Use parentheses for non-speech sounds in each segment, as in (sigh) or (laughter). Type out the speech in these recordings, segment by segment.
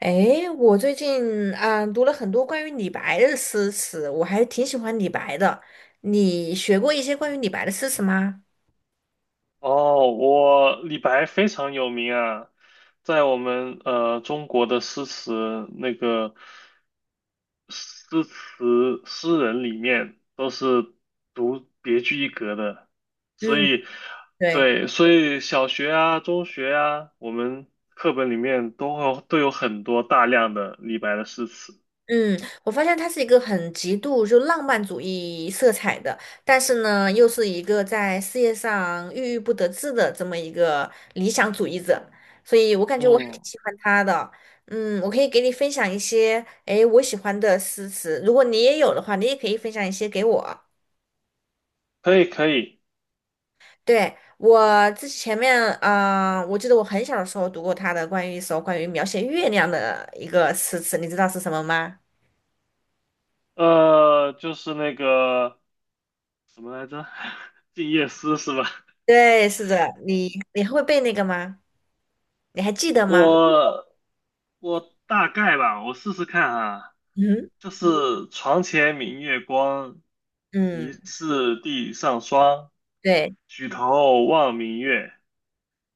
诶，我最近读了很多关于李白的诗词，我还挺喜欢李白的。你学过一些关于李白的诗词吗？哦，我李白非常有名啊，在我们中国的诗词诗人里面都是独别具一格的，所嗯，以对，对，所以小学啊、中学啊，我们课本里面都有很多大量的李白的诗词。嗯，我发现他是一个很极度浪漫主义色彩的，但是呢，又是一个在事业上郁郁不得志的这么一个理想主义者，所以我感觉我还挺嗯，喜欢他的。嗯，我可以给你分享一些，诶，我喜欢的诗词，如果你也有的话，你也可以分享一些给我。可以可以，对，我之前面，啊，我记得我很小的时候读过他的一首关于描写月亮的一个诗词，你知道是什么吗？就是那个什么来着，(laughs)《静夜思》是吧？对，是的，你会背那个吗？你还记得吗？我我大概吧，我试试看啊，嗯就是床前明月光，疑嗯，是地上霜，对。举头望明月，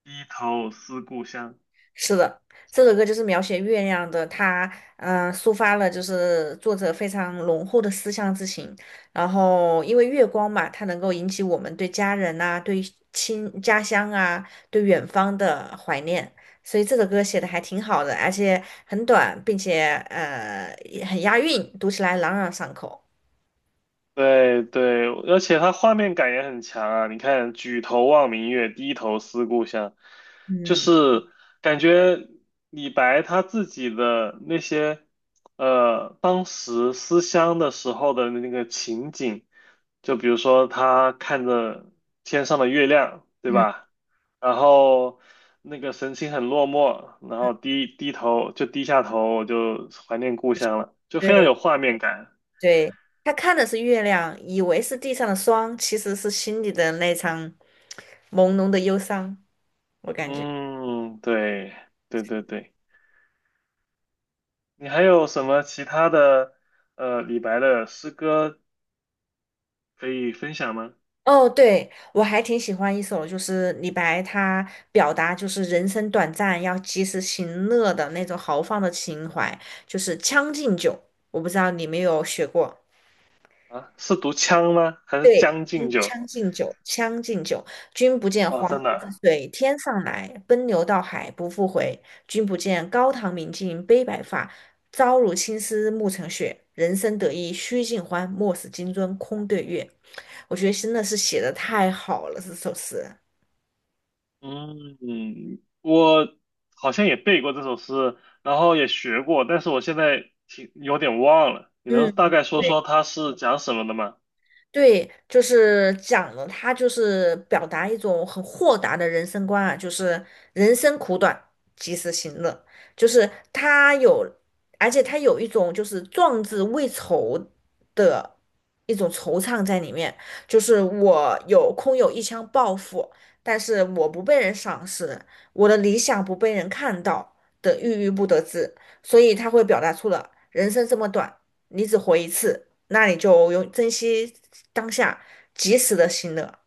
低头思故乡。是的，这首歌就是描写月亮的，它抒发了作者非常浓厚的思乡之情。然后因为月光嘛，它能够引起我们对家人呐、对家乡啊、对远方的怀念，所以这首歌写的还挺好的，而且很短，并且也很押韵，读起来朗朗上口。对对，而且它画面感也很强啊！你看"举头望明月，低头思故乡"，就嗯是感觉李白他自己的那些当时思乡的时候的那个情景，就比如说他看着天上的月亮，对嗯，吧？然后那个神情很落寞，然后低下头，我就怀念故乡了，就非常对有画面感。对，他看的是月亮，以为是地上的霜，其实是心里的那场朦胧的忧伤。我感觉，嗯，对，对对对。你还有什么其他的李白的诗歌可以分享吗？哦，对，我还挺喜欢一首，就是李白他表达就是人生短暂，要及时行乐的那种豪放的情怀，就是《将进酒》。我不知道你有没有学过，啊，是读《枪》吗？还是《将进嗯酒》？将进酒》，《将进酒》，君不见啊，黄河真之的。水天上来，奔流到海不复回。君不见高堂明镜悲白发，朝如青丝暮成雪。人生得意须尽欢，莫使金樽空对月。我觉得真的是写的太好了，这首诗。嗯，我好像也背过这首诗，然后也学过，但是我现在挺有点忘了。你能大嗯。概说对，说它是讲什么的吗？对，就是讲了，他就是表达一种很豁达的人生观啊，就是人生苦短，及时行乐。就是他有，而且他有一种就是壮志未酬的一种惆怅在里面。就是我有空有一腔抱负，但是我不被人赏识，我的理想不被人看到的郁郁不得志，所以他会表达出了人生这么短，你只活一次。那你就用珍惜当下，及时的行乐。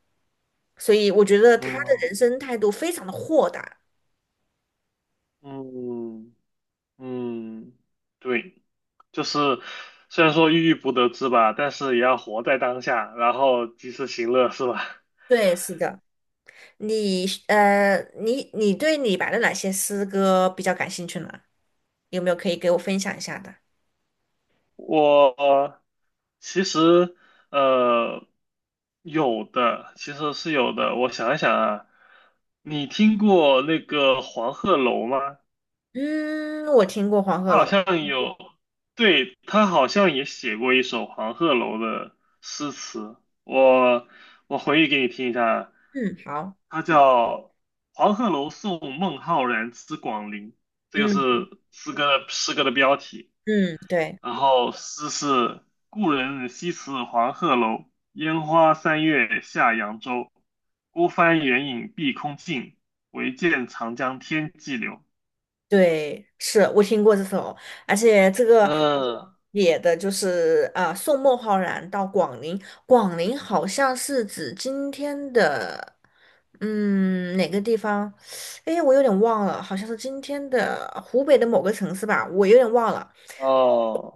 所以我觉得他的嗯人生态度非常的豁达。嗯嗯，对。就是虽然说郁郁不得志吧，但是也要活在当下，然后及时行乐，是吧？对，是的，你对李白的哪些诗歌比较感兴趣呢？有没有可以给我分享一下的？(laughs) 我其实呃有的，其实是有的。我想一想啊，你听过那个黄鹤楼吗？嗯，我听过黄他鹤好楼。像有，对，他好像也写过一首黄鹤楼的诗词，我我回忆给你听一下，嗯，好，他叫《黄鹤楼送孟浩然之广陵》，这个嗯是诗歌的标题。嗯，对。然后诗是故人西辞黄鹤楼，烟花三月下扬州。孤帆远影碧空尽，唯见长江天际流。对，是我听过这首，而且这个嗯，写的就是送孟浩然到广陵，广陵好像是指今天的，嗯，哪个地方？哎，我有点忘了，好像是今天的湖北的某个城市吧，我有点忘了。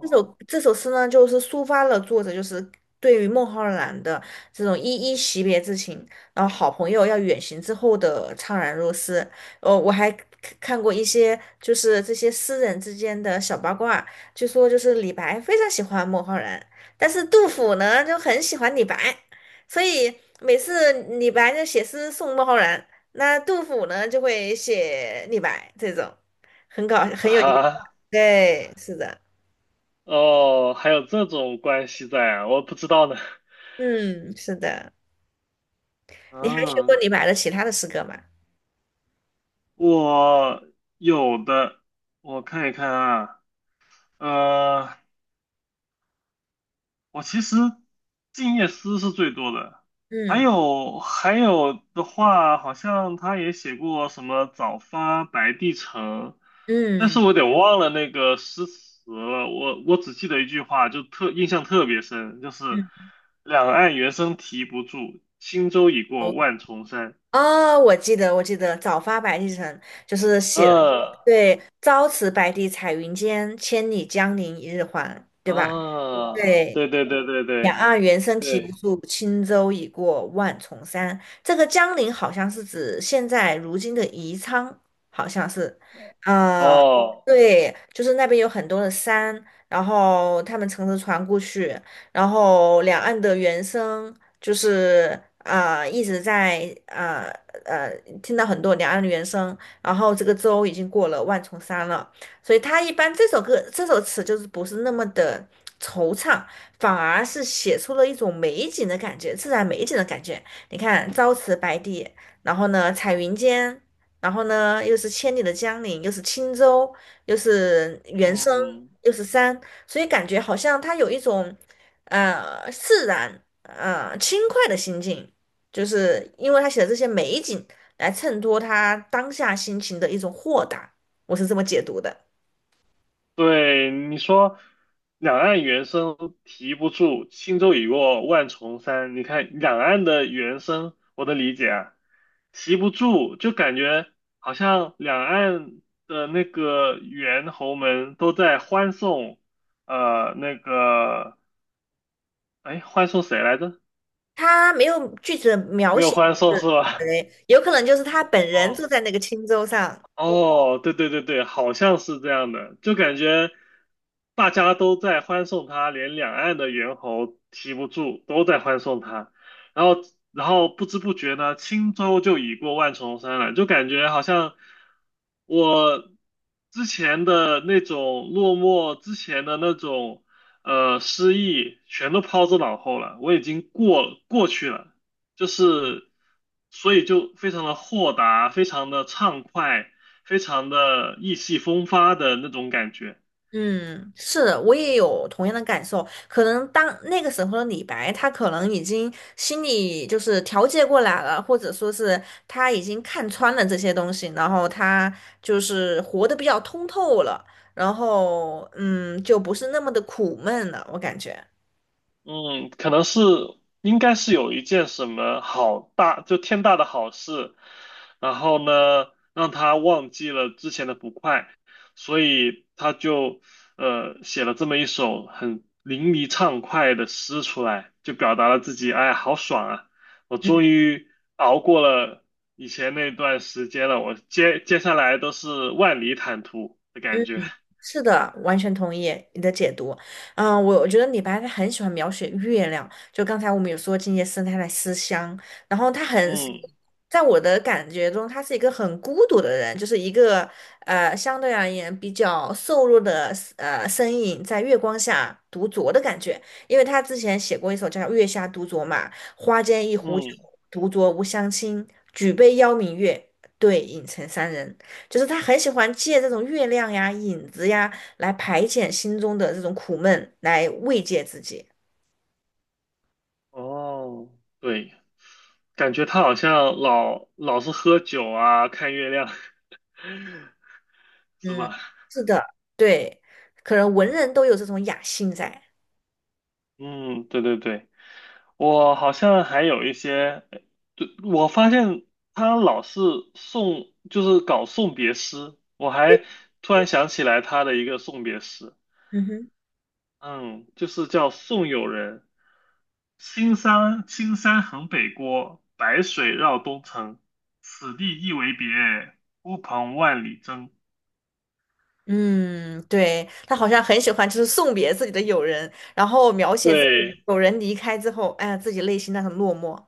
这首这首诗呢，就是抒发了作者就是对于孟浩然的这种依依惜别之情，然后好朋友要远行之后的怅然若失。哦，我还看过一些就是这些诗人之间的小八卦，据说就是李白非常喜欢孟浩然，但是杜甫呢就很喜欢李白，所以每次李白就写诗送孟浩然，那杜甫呢就会写李白这种，很搞 (laughs) 很有意思。啊，对，是的。哦，还有这种关系在啊，我不知道呢。嗯，是的。你还学过啊，李白的其他的诗歌吗？我有的，我看一看啊，呃，我其实静夜思》是最多的，嗯还有的话，好像他也写过什么"早发白帝城"，但是嗯我得忘了那个诗词了。我只记得一句话，就特印象特别深，就是嗯，“两岸猿声啼不住，轻舟已过哦，万重山"。我记得"早发白帝城"就是写的呃对，"朝辞白帝彩云间，千里江陵一日还"，对吧？啊，对。对对对对两对岸猿声啼不对，住，轻舟已过万重山。这个江陵好像是指现在如今的宜昌，好像是，呃，哦，对，就是那边有很多的山，然后他们乘着船过去，然后两岸的猿声就是一直在呃，呃听到很多两岸的猿声，然后这个舟已经过了万重山了。所以他一般这首词就是不是那么的惆怅，反而是写出了一种美景的感觉，自然美景的感觉。你看朝辞白帝，然后呢彩云间，然后呢又是千里的江陵，又是轻舟，又是原声，嗯。又是山，所以感觉好像他有一种自然轻快的心境，就是因为他写的这些美景来衬托他当下心情的一种豁达，我是这么解读的。对，你说两岸猿声啼不住，轻舟已过万重山。你看两岸的猿声，我的理解啊，啼不住，就感觉好像两岸的那个猿猴们都在欢送，呃，那个，哎，欢送谁来着？他没有具体的描没有写，欢送是是吧？谁有可能就是他本 (laughs) 人哦，住在那个青州上。哦，对对对对，好像是这样的，就感觉大家都在欢送他，连两岸的猿猴提不住，都在欢送他。然后，然后不知不觉呢，轻舟就已过万重山了，就感觉好像我之前的那种落寞，之前的那种失意，全都抛之脑后了，我已经过去了。就是，所以就非常的豁达，非常的畅快，非常的意气风发的那种感觉。嗯，是的我也有同样的感受。可能当那个时候的李白，他可能已经心里就是调节过来了，或者说是他已经看穿了这些东西，然后他就是活得比较通透了，然后嗯，就不是那么的苦闷了，我感觉。嗯，可能是应该是有一件什么好大，就天大的好事，然后呢，让他忘记了之前的不快，所以他就写了这么一首很淋漓畅快的诗出来，就表达了自己，哎，好爽啊！我嗯终于熬过了以前那段时间了，我接下来都是万里坦途的感觉。是的，完全同意你的解读。嗯，我觉得李白他很喜欢描写月亮，就刚才我们有说静夜思他在思乡，然后他很，嗯在我的感觉中，他是一个很孤独的人，就是一个相对而言比较瘦弱的身影在月光下独酌的感觉，因为他之前写过一首叫《月下独酌》嘛，花间一壶酒，嗯。独酌无相亲，举杯邀明月，对影成三人。就是他很喜欢借这种月亮呀、影子呀来排遣心中的这种苦闷，来慰藉自己。哦，对，感觉他好像老是喝酒啊，看月亮，(laughs) 是嗯，吧？是的，对，可能文人都有这种雅兴在。嗯，对对对，我好像还有一些，对，我发现他老是送，就是搞送别诗，我还突然想起来他的一个送别诗，嗯哼，嗯，就是叫《送友人》，青山横北郭，白水绕东城，此地一为别，孤蓬万里征。嗯，对，他好像很喜欢，就是送别自己的友人，然后描写自己对，友人离开之后，哎呀，自己内心那种落寞。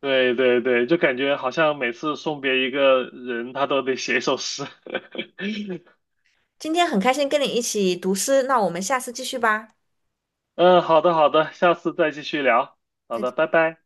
对对对，就感觉好像每次送别一个人，他都得写一首诗。今天很开心跟你一起读诗，那我们下次继续吧。(laughs) 嗯，好的好的，下次再继续聊。好再的，见。拜拜。